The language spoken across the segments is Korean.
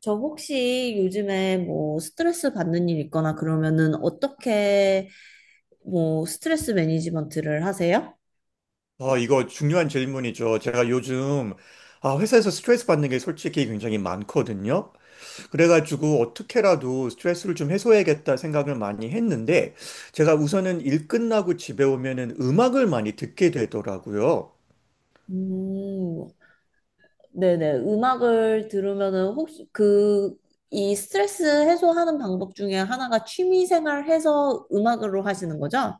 저 혹시 요즘에 뭐 스트레스 받는 일 있거나 그러면은 어떻게 뭐 스트레스 매니지먼트를 하세요? 이거 중요한 질문이죠. 제가 요즘 회사에서 스트레스 받는 게 솔직히 굉장히 많거든요. 그래가지고 어떻게라도 스트레스를 좀 해소해야겠다 생각을 많이 했는데 제가 우선은 일 끝나고 집에 오면은 음악을 많이 듣게 되더라고요. 음, 네네. 음악을 들으면은 혹시 그, 이 스트레스 해소하는 방법 중에 하나가 취미 생활 해서 음악으로 하시는 거죠?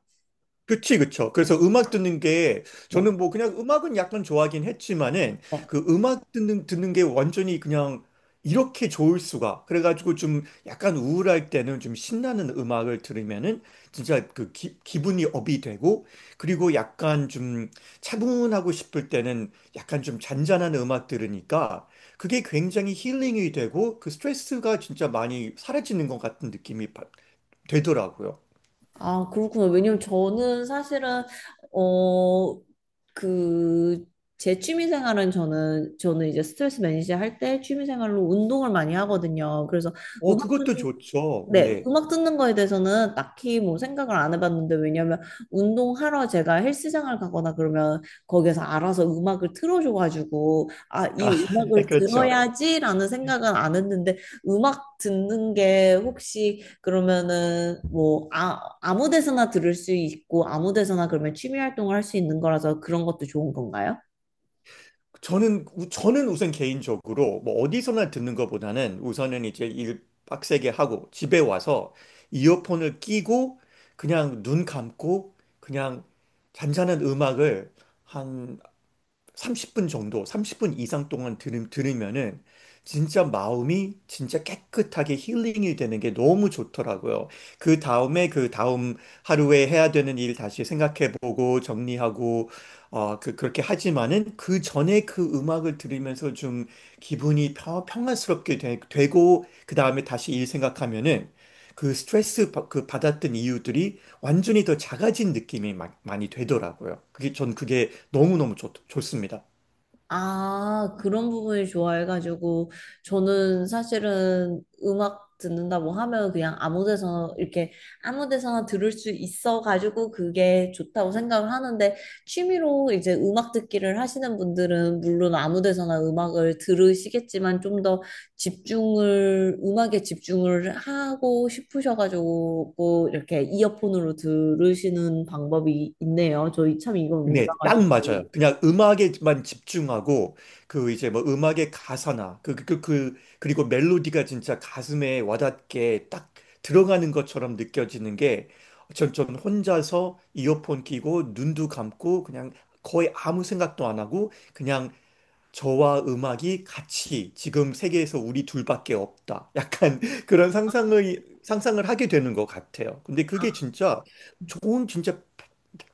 그쵸. 그래서 음악 듣는 게, 네. 저는 뭐 그냥 음악은 약간 좋아하긴 했지만은, 그 음악 듣는 게 완전히 그냥 이렇게 좋을 수가. 그래가지고 좀 약간 우울할 때는 좀 신나는 음악을 들으면은 진짜 기분이 업이 되고, 그리고 약간 좀 차분하고 싶을 때는 약간 좀 잔잔한 음악 들으니까 그게 굉장히 힐링이 되고, 그 스트레스가 진짜 많이 사라지는 것 같은 되더라고요. 아, 그렇구나. 왜냐면 저는 사실은, 어, 그, 제 취미 생활은 저는 이제 스트레스 매니지 할 때 취미 생활로 운동을 많이 하거든요. 그래서 그것도 좋죠. 네, 네. 음악 듣는 거에 대해서는 딱히 뭐 생각을 안 해봤는데, 왜냐면 운동하러 제가 헬스장을 가거나 그러면 거기서 알아서 음악을 틀어줘가지고, 아, 이 네, 음악을 그렇죠. 들어야지라는 생각은 안 했는데, 음악 듣는 게 혹시 그러면은 뭐, 아무 데서나 들을 수 있고, 아무 데서나 그러면 취미 활동을 할 수 있는 거라서 그런 것도 좋은 건가요? 저는 우선 개인적으로 뭐 어디서나 듣는 것보다는 우선은 이제 일 빡세게 하고 집에 와서 이어폰을 끼고 그냥 눈 감고 그냥 잔잔한 음악을 한 30분 정도, 30분 이상 동안 들으면은 진짜 마음이 진짜 깨끗하게 힐링이 되는 게 너무 좋더라고요. 그 다음에 그 다음 하루에 해야 되는 일 다시 생각해보고 정리하고 그렇게 하지만은 그 전에 그 음악을 들으면서 좀 기분이 평안스럽게 되고 그 다음에 다시 일 생각하면은 그 받았던 이유들이 완전히 더 작아진 많이 되더라고요. 그게 전 그게 너무너무 좋습니다. 아, 그런 부분이 좋아해가지고, 저는 사실은 음악 듣는다고 하면 그냥 아무 데서나, 이렇게 아무 데서나 들을 수 있어가지고 그게 좋다고 생각을 하는데, 취미로 이제 음악 듣기를 하시는 분들은 물론 아무 데서나 음악을 들으시겠지만 좀 더 집중을, 음악에 집중을 하고 싶으셔가지고, 뭐 이렇게 이어폰으로 들으시는 방법이 있네요. 저희 참 이건 네, 딱 몰라가지고. 맞아요. 그냥 음악에만 집중하고 그 이제 뭐 음악의 가사나 그리고 멜로디가 진짜 가슴에 와닿게 딱 들어가는 것처럼 느껴지는 게 전 혼자서 이어폰 끼고 눈도 감고 그냥 거의 아무 생각도 안 하고 그냥 저와 음악이 같이 지금 세계에서 우리 둘밖에 없다. 약간 그런 상상의 상상을 하게 되는 것 같아요. 근데 그게 아. 진짜 좋은 진짜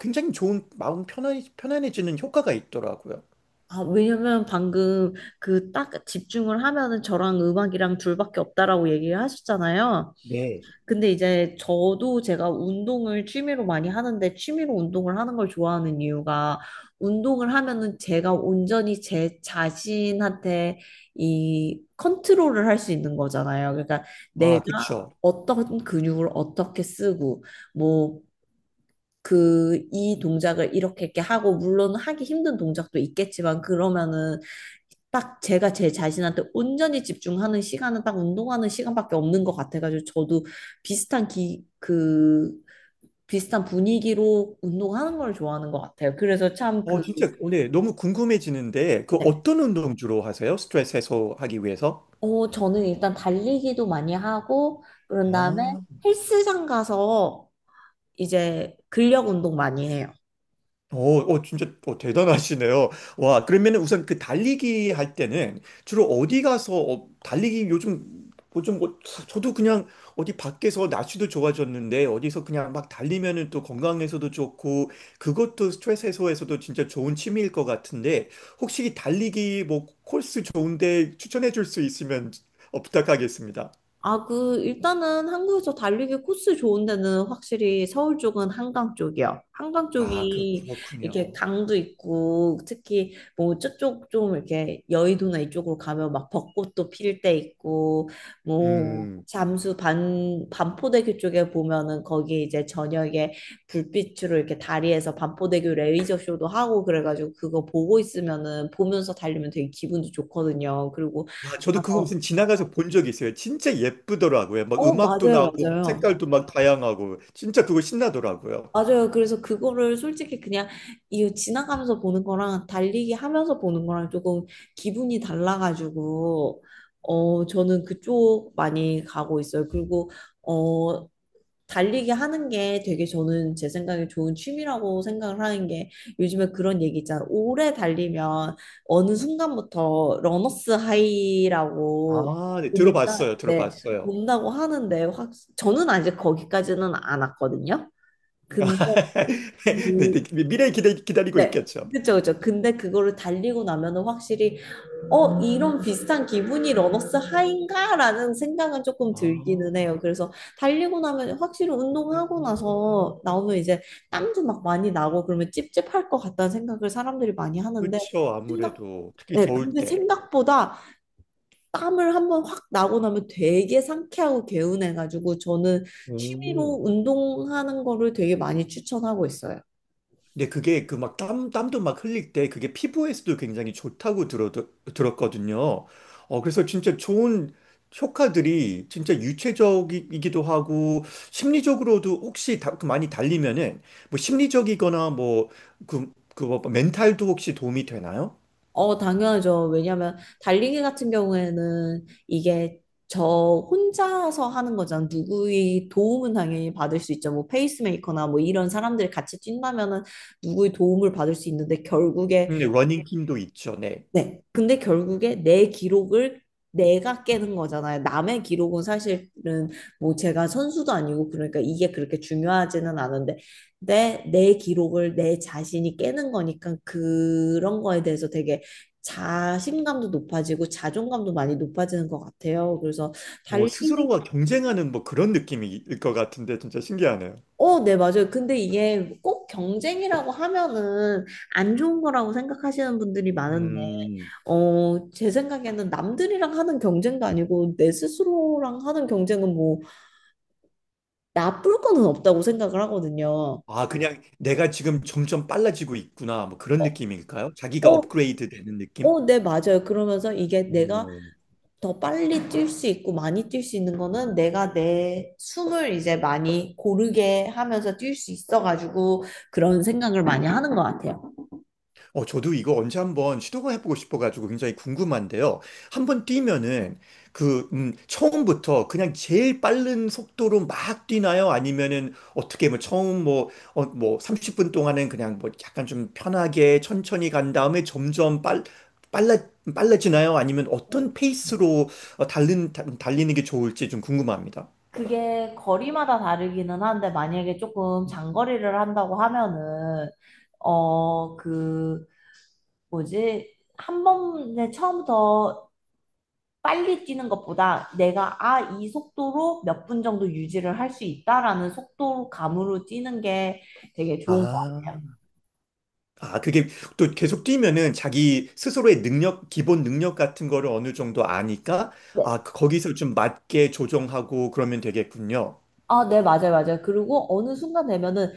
굉장히 좋은 마음 편안해지는 효과가 있더라고요. 아, 왜냐면 방금 그 딱 집중을 하면은 저랑 음악이랑 둘밖에 없다라고 얘기를 하셨잖아요. 네. 근데 이제 저도 제가 운동을 취미로 많이 하는데 취미로 운동을 하는 걸 좋아하는 이유가 운동을 하면은 제가 온전히 제 자신한테 이 컨트롤을 할 수 있는 거잖아요. 그러니까 내가 그쵸. 어떤 근육을 어떻게 쓰고 뭐 그 이 동작을 이렇게 이렇게 하고 물론 하기 힘든 동작도 있겠지만 그러면은 딱 제가 제 자신한테 온전히 집중하는 시간은 딱 운동하는 시간밖에 없는 것 같아가지고 저도 그 비슷한 분위기로 운동하는 걸 좋아하는 것 같아요. 그래서 참 그, 진짜 오늘 너무 궁금해지는데 그 네. 어떤 운동 주로 하세요? 스트레스 해소하기 위해서? 어, 저는 일단 달리기도 많이 하고 그런 다음에 아. 헬스장 가서 이제 근력 운동 많이 해요. 진짜 어, 대단하시네요. 와, 그러면 은 우선 그 달리기 할 때는 주로 어디 가서 달리기 요즘 저도 그냥 어디 밖에서 날씨도 좋아졌는데 어디서 그냥 막 달리면은 또 건강에서도 좋고 그것도 스트레스 해소에서도 진짜 좋은 취미일 것 같은데 혹시 이 달리기 뭐 코스 좋은데 추천해 줄 수 있으면 부탁하겠습니다. 아, 그, 일단은 한국에서 달리기 코스 좋은 데는 확실히 서울 쪽은 한강 쪽이요. 한강 쪽이 이렇게 그렇군요. 강도 있고, 특히 뭐 저쪽 좀 이렇게 여의도나 이쪽으로 가면 막 벚꽃도 필 때 있고, 음. 반포대교 쪽에 보면은 거기 이제 저녁에 불빛으로 이렇게 다리에서 반포대교 레이저 쇼도 하고 그래가지고 그거 보고 있으면은 보면서 달리면 되게 기분도 좋거든요. 그리고 아, 저도 그거 가서, 무슨 지나가서 본 적이 있어요. 진짜 예쁘더라고요. 막 어, 음악도 맞아요, 나오고 막 맞아요. 색깔도 막 다양하고 진짜 그거 신나더라고요. 맞아요. 그래서 그거를 솔직히 그냥 이 지나가면서 보는 거랑 달리기 하면서 보는 거랑 조금 기분이 달라가지고 어 저는 그쪽 많이 가고 있어요. 그리고 어 달리기 하는 게 되게 저는 제 생각에 좋은 취미라고 생각을 하는 게 요즘에 그런 얘기 있잖아요. 오래 달리면 어느 순간부터 러너스 하이라고 아, 네, 온다, 들어봤어요. 네, 들어봤어요. 온다고 하는데 확 저는 아직 거기까지는 안 왔거든요. 근데 그, 네, 네, 미래에 기다리고 네. 있겠죠. 그쵸, 그쵸. 근데 그거를 달리고 나면은 확실히, 어, 이런 비슷한 기분이 러너스 하인가? 라는 생각은 조금 들기는 해요. 아, 그래서 달리고 나면 확실히 운동하고 나서 나오면 이제 땀도 막 많이 나고 그러면 찝찝할 것 같다는 생각을 사람들이 많이 하는데, 그렇죠. 생각, 아무래도 특히 네. 더울 근데 때. 생각보다 땀을 한번 확 나고 나면 되게 상쾌하고 개운해가지고 저는 오. 취미로 운동하는 거를 되게 많이 추천하고 있어요. 근데 그게 그 막 땀도 막 흘릴 때 그게 피부에서도 굉장히 좋다고 들었거든요. 그래서 진짜 좋은 효과들이 진짜 유체적이기도 하고 심리적으로도 혹시 다, 그 많이 달리면은 뭐 심리적이거나 그뭐 멘탈도 혹시 도움이 되나요? 어, 당연하죠. 왜냐면 달리기 같은 경우에는 이게 저 혼자서 하는 거잖아. 누구의 도움은 당연히 받을 수 있죠. 뭐 페이스메이커나 뭐 이런 사람들이 같이 뛴다면은 누구의 도움을 받을 수 있는데 결국에 근데 러닝팀도 있죠. 네. 네. 근데 결국에 내 기록을 내가 깨는 거잖아요. 남의 기록은 사실은 뭐 제가 선수도 아니고 그러니까 이게 그렇게 중요하지는 않은데 내 기록을 내 자신이 깨는 거니까 그런 거에 대해서 되게 자신감도 높아지고 자존감도 많이 높아지는 것 같아요. 그래서 뭐 달리기 스스로와 경쟁하는 뭐 그런 느낌일 것 같은데 진짜 신기하네요. 어, 네, 맞아요. 근데 이게 꼭 경쟁이라고 하면은 안 좋은 거라고 생각하시는 분들이 많은데 음. 어, 제 생각에는 남들이랑 하는 경쟁도 아니고 내 스스로랑 하는 경쟁은 뭐 나쁠 거는 없다고 생각을 하거든요. 아, 그냥 내가 지금 점점 빨라지고 있구나. 뭐 그런 어, 느낌일까요? 자기가 어, 업그레이드 되는 느낌? 어, 네, 맞아요. 그러면서 이게 내가 음. 더 빨리 뛸 수 있고 많이 뛸 수 있는 거는 내가 내 숨을 이제 많이 고르게 하면서 뛸 수 있어가지고 그런 생각을 많이 하는 것 같아요. 저도 이거 언제 한번 시도가 해보고 싶어가지고 굉장히 궁금한데요. 한번 뛰면은 처음부터 그냥 제일 빠른 속도로 막 뛰나요? 아니면은 어떻게 뭐 처음 뭐, 어, 뭐 30분 동안은 그냥 뭐 약간 좀 편하게 천천히 간 다음에 점점 빨라, 빨라지나요? 아니면 어떤 페이스로 달리는 게 좋을지 좀 궁금합니다. 그게 거리마다 다르기는 한데 만약에 조금 장거리를 한다고 하면은 어그 뭐지? 한 번에 처음부터 빨리 뛰는 것보다 내가 아, 이 속도로 몇 분 정도 유지를 할 수 있다라는 속도감으로 뛰는 게 되게 좋은 것 같아요. 아, 그게 또 계속 뛰면은 자기 스스로의 능력, 기본 능력 같은 거를 어느 정도 아니까, 네. 거기서 좀 맞게 조정하고 그러면 되겠군요. 아, 네, 맞아요, 맞아요. 그리고 어느 순간 되면은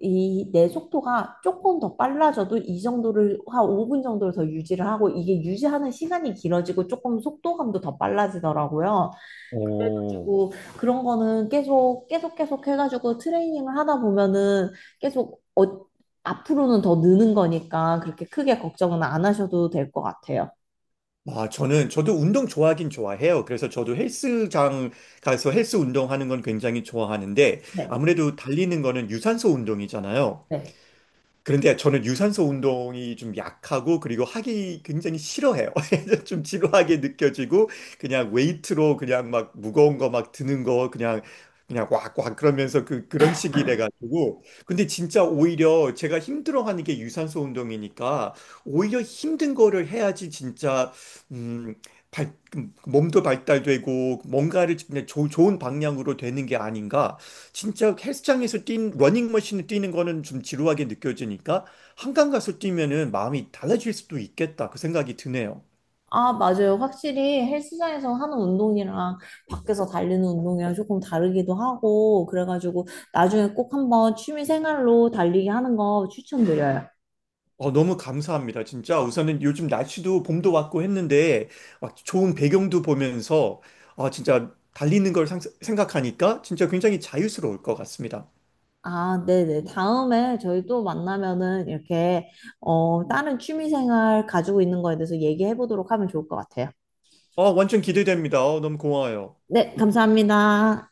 이 내 속도가 조금 더 빨라져도 이 정도를 한 5분 정도를 더 유지를 하고 이게 유지하는 시간이 길어지고 조금 속도감도 더 빨라지더라고요. 오, 그래가지고 그런 거는 계속 계속 계속 해가지고 트레이닝을 하다 보면은 계속 어, 앞으로는 더 느는 거니까 그렇게 크게 걱정은 안 하셔도 될 것 같아요. 저도 운동 좋아하긴 좋아해요. 그래서 저도 헬스장 가서 헬스 운동하는 건 굉장히 좋아하는데, 네, 아무래도 달리는 거는 유산소 운동이잖아요. 네. 그런데 저는 유산소 운동이 좀 약하고 그리고 하기 굉장히 싫어해요. 좀 지루하게 느껴지고 그냥 웨이트로 그냥 막 무거운 거 막 드는 거 그냥 그냥 꽉꽉 그러면서 그 그런 식이래 가지고 근데 진짜 오히려 제가 힘들어하는 게 유산소 운동이니까 오히려 힘든 거를 해야지 진짜 음 발, 몸도 발달되고 뭔가를 그냥 좋은 방향으로 되는 게 아닌가 진짜 헬스장에서 뛴 러닝머신을 뛰는 거는 좀 지루하게 느껴지니까 한강 가서 뛰면은 마음이 달라질 수도 있겠다 그 생각이 드네요. 아, 맞아요. 확실히 헬스장에서 하는 운동이랑 밖에서 달리는 운동이랑 조금 다르기도 하고 그래가지고 나중에 꼭 한번 취미 생활로 달리기 하는 거 추천드려요. 너무 감사합니다. 진짜 우선은 요즘 날씨도 봄도 왔고 했는데 막 좋은 배경도 보면서 아 진짜 생각하니까 진짜 굉장히 자유스러울 것 같습니다. 아, 네네. 다음에 저희 또 만나면은 이렇게, 어, 다른 취미생활 가지고 있는 거에 대해서 얘기해 보도록 하면 좋을 것 같아요. 완전 기대됩니다. 너무 고마워요. 네, 감사합니다.